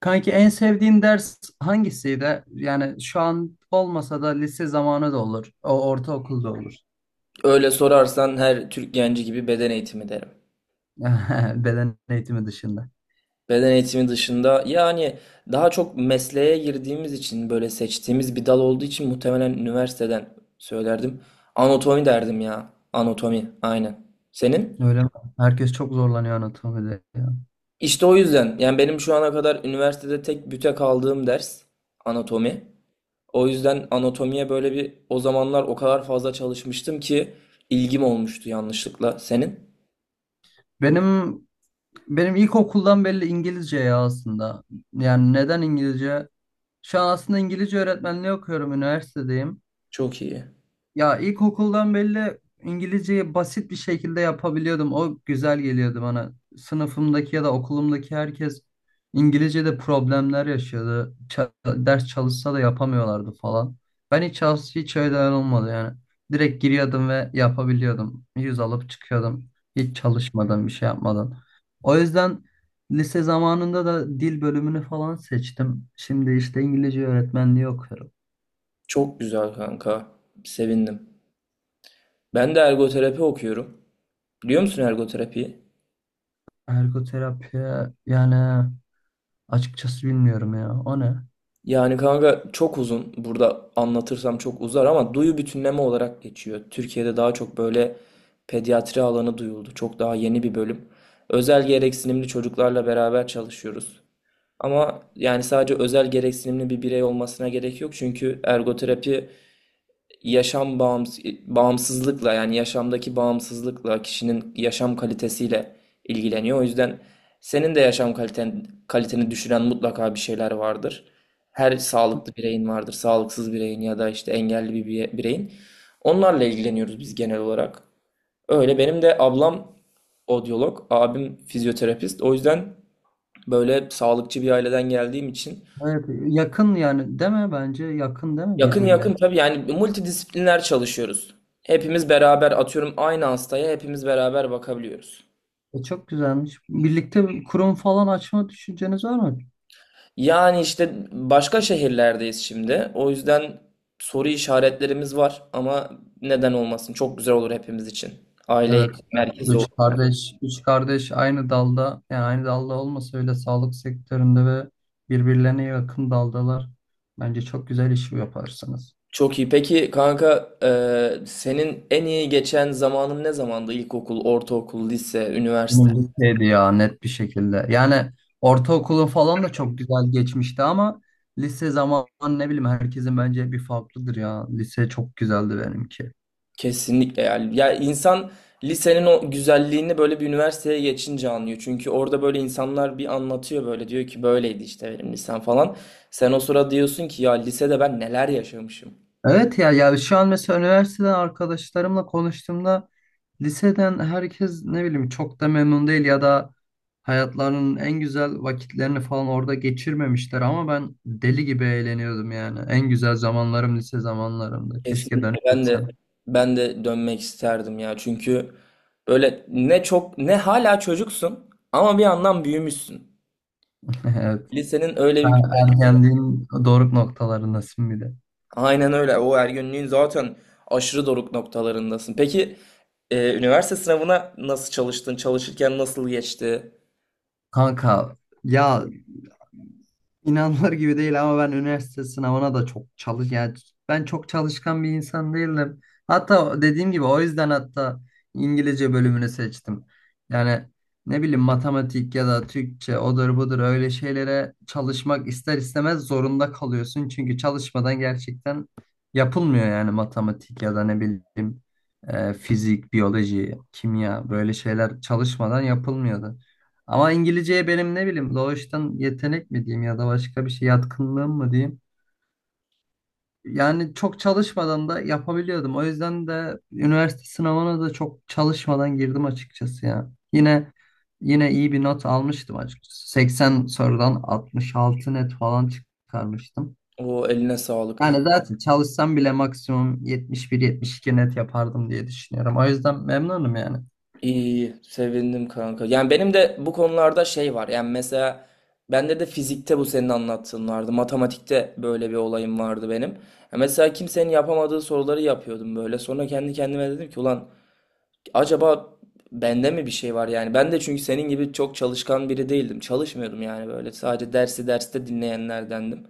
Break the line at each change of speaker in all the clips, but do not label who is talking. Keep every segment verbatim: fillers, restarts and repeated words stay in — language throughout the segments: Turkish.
Kanki en sevdiğin ders hangisiydi? Yani şu an olmasa da lise zamanı da olur. O ortaokulda olur.
Öyle sorarsan her Türk genci gibi beden eğitimi derim.
Beden eğitimi dışında.
Beden eğitimi dışında yani daha çok mesleğe girdiğimiz için böyle seçtiğimiz bir dal olduğu için muhtemelen üniversiteden söylerdim. Anatomi derdim ya. Anatomi aynen. Senin?
Öyle mi? Herkes çok zorlanıyor anatomide ya.
İşte o yüzden yani benim şu ana kadar üniversitede tek büte kaldığım ders anatomi. O yüzden anatomiye böyle bir o zamanlar o kadar fazla çalışmıştım ki ilgim olmuştu yanlışlıkla. Senin?
Benim benim ilkokuldan belli İngilizce ya aslında. Yani neden İngilizce? Şu an aslında İngilizce öğretmenliği okuyorum, üniversitedeyim.
Çok iyi.
Ya ilkokuldan belli İngilizceyi basit bir şekilde yapabiliyordum. O güzel geliyordu bana. Sınıfımdaki ya da okulumdaki herkes İngilizce'de problemler yaşıyordu. Ça- ders çalışsa da yapamıyorlardı falan. Ben hiç, as- hiç öyle olmadı yani. Direkt giriyordum ve yapabiliyordum. Yüz alıp çıkıyordum. Hiç çalışmadan, bir şey yapmadan. O yüzden lise zamanında da dil bölümünü falan seçtim. Şimdi işte İngilizce öğretmenliği okuyorum.
Çok güzel kanka. Sevindim. Ben de ergoterapi okuyorum. Biliyor musun ergoterapiyi?
Ergoterapi, yani, açıkçası bilmiyorum ya. O ne?
Yani kanka çok uzun. Burada anlatırsam çok uzar ama duyu bütünleme olarak geçiyor. Türkiye'de daha çok böyle pediatri alanı duyuldu. Çok daha yeni bir bölüm. Özel gereksinimli çocuklarla beraber çalışıyoruz. Ama yani sadece özel gereksinimli bir birey olmasına gerek yok. Çünkü ergoterapi yaşam bağımsız, bağımsızlıkla yani yaşamdaki bağımsızlıkla kişinin yaşam kalitesiyle ilgileniyor. O yüzden senin de yaşam kaliten, kaliteni düşüren mutlaka bir şeyler vardır. Her sağlıklı bireyin vardır, sağlıksız bireyin ya da işte engelli bir bire- bireyin. Onlarla ilgileniyoruz biz genel olarak. Öyle benim de ablam odyolog, abim fizyoterapist. O yüzden böyle sağlıkçı bir aileden geldiğim için.
Evet, yakın yani değil mi bence? Yakın değil mi
Yakın
birbirlerine?
yakın tabii yani multidisipliner çalışıyoruz. Hepimiz beraber atıyorum aynı hastaya hepimiz beraber bakabiliyoruz.
E, çok güzelmiş. Birlikte bir kurum falan açma düşünceniz var mı?
Yani işte başka şehirlerdeyiz şimdi. O yüzden soru işaretlerimiz var ama neden olmasın? Çok güzel olur hepimiz için. Aile
Evet. e,
merkezi olur,
Üç
yani.
kardeş, üç kardeş aynı dalda, yani aynı dalda olmasa öyle sağlık sektöründe ve birbirlerine yakın daldalar. Bence çok güzel iş yaparsınız.
Çok iyi. Peki kanka, e, senin en iyi geçen zamanın ne zamandı? İlkokul, ortaokul, lise, üniversite?
Lisedeydi ya net bir şekilde. Yani ortaokulun falan da çok güzel geçmişti ama lise zamanı ne bileyim herkesin bence bir farklıdır ya. Lise çok güzeldi benimki.
Kesinlikle yani. Ya insan lisenin o güzelliğini böyle bir üniversiteye geçince anlıyor. Çünkü orada böyle insanlar bir anlatıyor böyle diyor ki böyleydi işte benim lisem falan. Sen o sırada diyorsun ki ya lisede ben neler yaşamışım.
Evet ya, ya şu an mesela üniversiteden arkadaşlarımla konuştuğumda liseden herkes ne bileyim çok da memnun değil ya da hayatlarının en güzel vakitlerini falan orada geçirmemişler ama ben deli gibi eğleniyordum yani. En güzel zamanlarım lise zamanlarımdı. Keşke
Kesinlikle
dönüp
ben de
gitsem.
ben de dönmek isterdim ya. Çünkü böyle ne çok ne hala çocuksun ama bir yandan büyümüşsün.
Evet.
Lisenin öyle
Ha,
bir güzel.
ergenliğin doruk noktalarındasın bir de.
Aynen öyle. O ergenliğin zaten aşırı doruk noktalarındasın. Peki, Ee, üniversite sınavına nasıl çalıştın? Çalışırken nasıl geçti?
Kanka, ya, İnanılır gibi değil ama ben üniversite sınavına da çok çalış, yani ben çok çalışkan bir insan değilim. Hatta dediğim gibi o yüzden hatta İngilizce bölümünü seçtim. Yani ne bileyim matematik ya da Türkçe odur budur öyle şeylere çalışmak ister istemez zorunda kalıyorsun. Çünkü çalışmadan gerçekten yapılmıyor yani matematik ya da ne bileyim e, fizik, biyoloji, kimya böyle şeyler çalışmadan yapılmıyordu. Ama İngilizceye benim ne bileyim doğuştan yetenek mi diyeyim ya da başka bir şey yatkınlığım mı diyeyim. Yani çok çalışmadan da yapabiliyordum. O yüzden de üniversite sınavına da çok çalışmadan girdim açıkçası ya. Yine yine iyi bir not almıştım açıkçası. seksen sorudan altmış altı net falan çıkarmıştım.
O eline sağlık.
Yani zaten çalışsam bile maksimum yetmiş bir yetmiş iki net yapardım diye düşünüyorum. O yüzden memnunum yani.
İyi, sevindim kanka. Yani benim de bu konularda şey var. Yani mesela bende de fizikte bu senin anlattığın vardı. Matematikte böyle bir olayım vardı benim. Ya mesela kimsenin yapamadığı soruları yapıyordum böyle. Sonra kendi kendime dedim ki ulan acaba bende mi bir şey var yani? Ben de çünkü senin gibi çok çalışkan biri değildim. Çalışmıyordum yani böyle. Sadece dersi derste dinleyenlerdendim.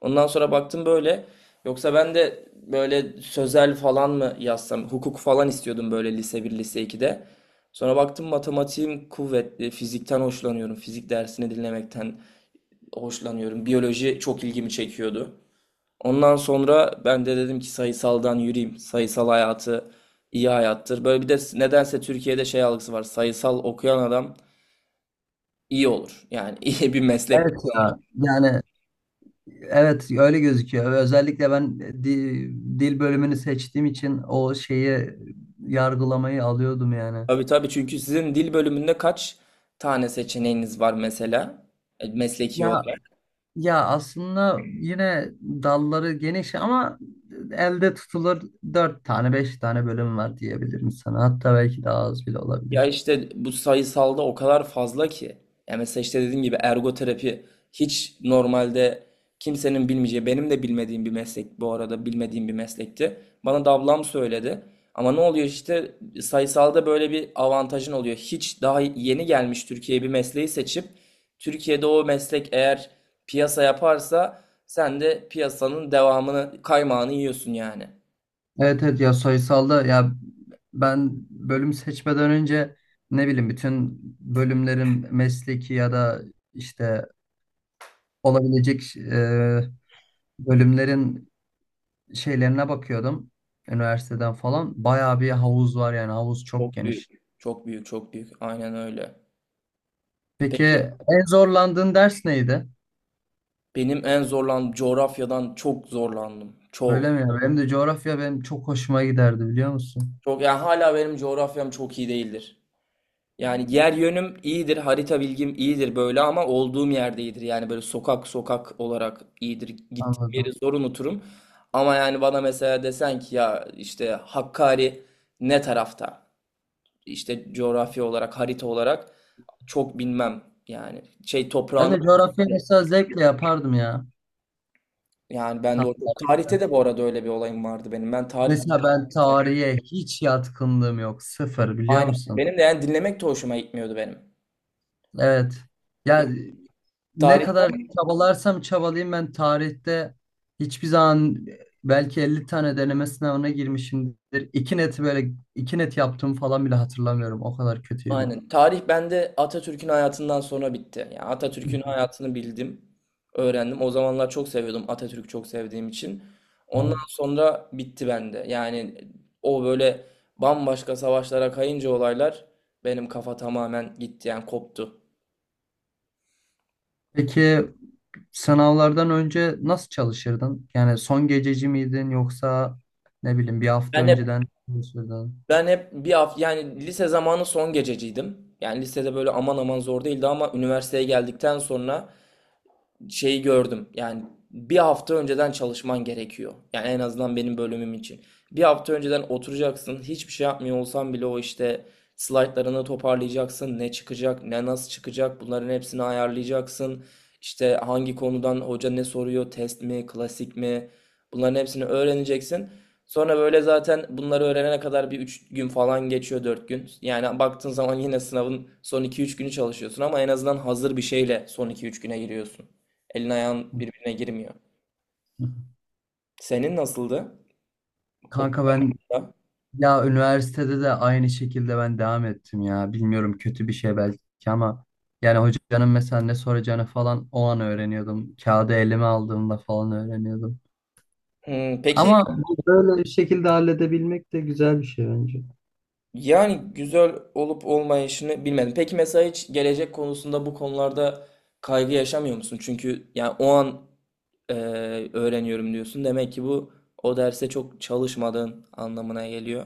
Ondan sonra baktım böyle. Yoksa ben de böyle sözel falan mı yazsam, hukuk falan istiyordum böyle lise bir lise ikide. Sonra baktım matematiğim kuvvetli, fizikten hoşlanıyorum, fizik dersini dinlemekten hoşlanıyorum. Biyoloji çok ilgimi çekiyordu. Ondan sonra ben de dedim ki sayısaldan yürüyeyim. Sayısal hayatı iyi hayattır. Böyle bir de nedense Türkiye'de şey algısı var. Sayısal okuyan adam iyi olur. Yani iyi bir meslek.
Evet ya, yani, evet öyle gözüküyor. Ve özellikle ben e, di- dil bölümünü seçtiğim için o şeyi yargılamayı alıyordum yani.
Tabii tabii, çünkü sizin dil bölümünde kaç tane seçeneğiniz var mesela? E, mesleki
Ya
olarak?
ya aslında yine dalları geniş ama elde tutulur dört tane beş tane bölüm var diyebilirim sana. Hatta belki daha az bile
Ya
olabilir.
işte bu sayısalda o kadar fazla ki. Ya mesela işte dediğim gibi ergoterapi hiç normalde kimsenin bilmeyeceği, benim de bilmediğim bir meslek, bu arada bilmediğim bir meslekti. Bana da ablam söyledi. Ama ne oluyor işte sayısalda böyle bir avantajın oluyor. Hiç daha yeni gelmiş Türkiye'ye bir mesleği seçip Türkiye'de o meslek eğer piyasa yaparsa sen de piyasanın devamını, kaymağını yiyorsun yani.
Evet evet, ya sayısalda ya ben bölüm seçmeden önce ne bileyim bütün bölümlerin mesleki ya da işte olabilecek e, bölümlerin şeylerine bakıyordum üniversiteden falan. Bayağı bir havuz var yani havuz çok
Çok büyük.
geniş.
Çok büyük, çok büyük. Aynen öyle.
Peki
Peki.
en zorlandığın ders neydi?
Benim en zorlan coğrafyadan çok zorlandım. Çok.
Öyle mi ya? Benim de coğrafya benim çok hoşuma giderdi biliyor musun?
Çok yani hala benim coğrafyam çok iyi değildir. Yani yer yönüm iyidir, harita bilgim iyidir böyle ama olduğum yerde iyidir. Yani böyle sokak sokak olarak iyidir. Gittiğim yeri
Anladım.
zor unuturum. Ama yani bana mesela desen ki ya işte Hakkari ne tarafta? İşte coğrafya olarak, harita olarak çok bilmem. Yani şey
Ben
toprağını
de coğrafya mesela zevkle yapardım ya.
yani ben
Tam
de o
tersi.
tarihte de bu arada öyle bir olayım vardı benim. Ben tarih.
Mesela ben tarihe hiç yatkınlığım yok. Sıfır biliyor
Aynen.
musun?
Benim de yani dinlemek de hoşuma gitmiyordu benim.
Evet. Ya
Yani
ne
tarihten
kadar çabalarsam çabalayayım ben tarihte hiçbir zaman belki elli tane deneme sınavına girmişimdir. İki neti böyle iki net yaptığımı falan bile hatırlamıyorum. O kadar kötüydü.
aynen. Tarih bende Atatürk'ün hayatından sonra bitti. Yani Atatürk'ün hayatını bildim, öğrendim. O zamanlar çok seviyordum, Atatürk'ü çok sevdiğim için. Ondan
Evet.
sonra bitti bende. Yani o böyle bambaşka savaşlara kayınca olaylar, benim kafa tamamen gitti yani koptu.
Peki sınavlardan önce nasıl çalışırdın? Yani son gececi miydin yoksa ne bileyim bir hafta
Ben hep
önceden çalışırdın?
ben hep bir hafta, yani lise zamanı son gececiydim. Yani lisede böyle aman aman zor değildi ama üniversiteye geldikten sonra şeyi gördüm. Yani bir hafta önceden çalışman gerekiyor. Yani en azından benim bölümüm için. Bir hafta önceden oturacaksın. Hiçbir şey yapmıyor olsan bile o işte slaytlarını toparlayacaksın. Ne çıkacak, ne nasıl çıkacak, bunların hepsini ayarlayacaksın. İşte hangi konudan hoca ne soruyor, test mi, klasik mi? Bunların hepsini öğreneceksin. Sonra böyle zaten bunları öğrenene kadar bir üç gün falan geçiyor, dört gün. Yani baktığın zaman yine sınavın son iki üç günü çalışıyorsun ama en azından hazır bir şeyle son iki üç güne giriyorsun. Elin ayağın birbirine girmiyor. Senin nasıldı okulda?
Kanka ben, ya üniversitede de aynı şekilde ben devam ettim ya. Bilmiyorum kötü bir şey belki ama yani hocanın mesela ne soracağını falan o an öğreniyordum. Kağıdı elime aldığımda falan öğreniyordum.
Hmm, peki,
Ama bu böyle bir şekilde halledebilmek de güzel bir şey bence.
yani güzel olup olmayışını bilmedim. Peki mesela hiç gelecek konusunda, bu konularda kaygı yaşamıyor musun? Çünkü yani o an e, öğreniyorum diyorsun. Demek ki bu o derse çok çalışmadığın anlamına geliyor.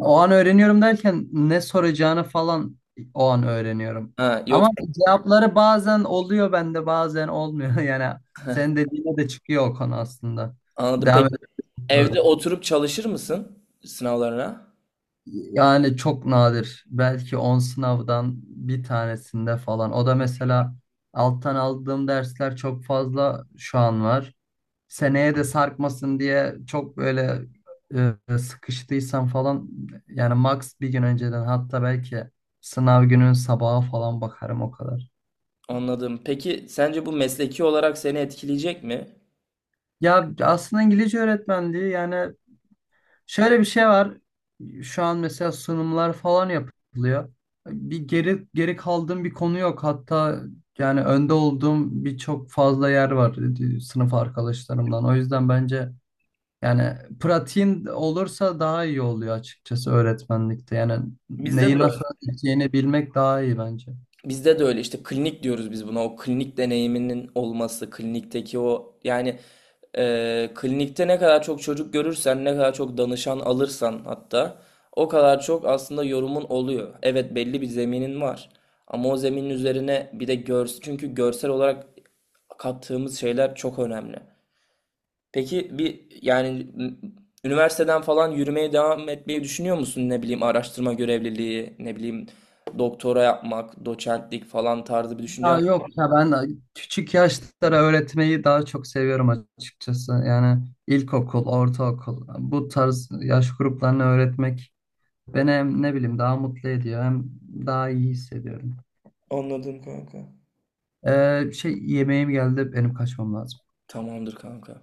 O an öğreniyorum derken ne soracağını falan o an öğreniyorum.
Ha, yok,
Ama cevapları bazen oluyor bende bazen olmuyor. Yani senin dediğine de çıkıyor o konu aslında.
anladım. Peki
Devam
evde
edelim.
oturup çalışır mısın sınavlarına?
Yani çok nadir. Belki on sınavdan bir tanesinde falan. O da mesela alttan aldığım dersler çok fazla şu an var. Seneye de sarkmasın diye çok böyle e, sıkıştıysam falan yani max bir gün önceden hatta belki sınav günün sabaha falan bakarım o kadar.
Anladım. Peki sence bu mesleki olarak seni etkileyecek mi?
Ya aslında İngilizce öğretmenliği yani şöyle bir şey var. Şu an mesela sunumlar falan yapılıyor. Bir geri geri kaldığım bir konu yok. Hatta yani önde olduğum birçok fazla yer var, e, sınıf arkadaşlarımdan. O yüzden bence yani pratiğin olursa daha iyi oluyor açıkçası öğretmenlikte. Yani
Bizde
neyi
de öyle.
nasıl öğreteceğini bilmek daha iyi bence.
Bizde de öyle, işte klinik diyoruz biz buna. O klinik deneyiminin olması, klinikteki o yani, e, klinikte ne kadar çok çocuk görürsen, ne kadar çok danışan alırsan hatta o kadar çok aslında yorumun oluyor. Evet, belli bir zeminin var. Ama o zeminin üzerine bir de görsel, çünkü görsel olarak kattığımız şeyler çok önemli. Peki bir yani üniversiteden falan yürümeye devam etmeyi düşünüyor musun? Ne bileyim araştırma görevliliği, ne bileyim doktora yapmak, doçentlik falan tarzı bir düşüncem.
Ya yok ya, ben küçük yaşlara öğretmeyi daha çok seviyorum açıkçası. Yani ilkokul, ortaokul bu tarz yaş gruplarını öğretmek beni hem ne bileyim daha mutlu ediyor hem daha iyi hissediyorum.
Anladım kanka.
Ee, şey, yemeğim geldi benim kaçmam lazım.
Tamamdır kanka.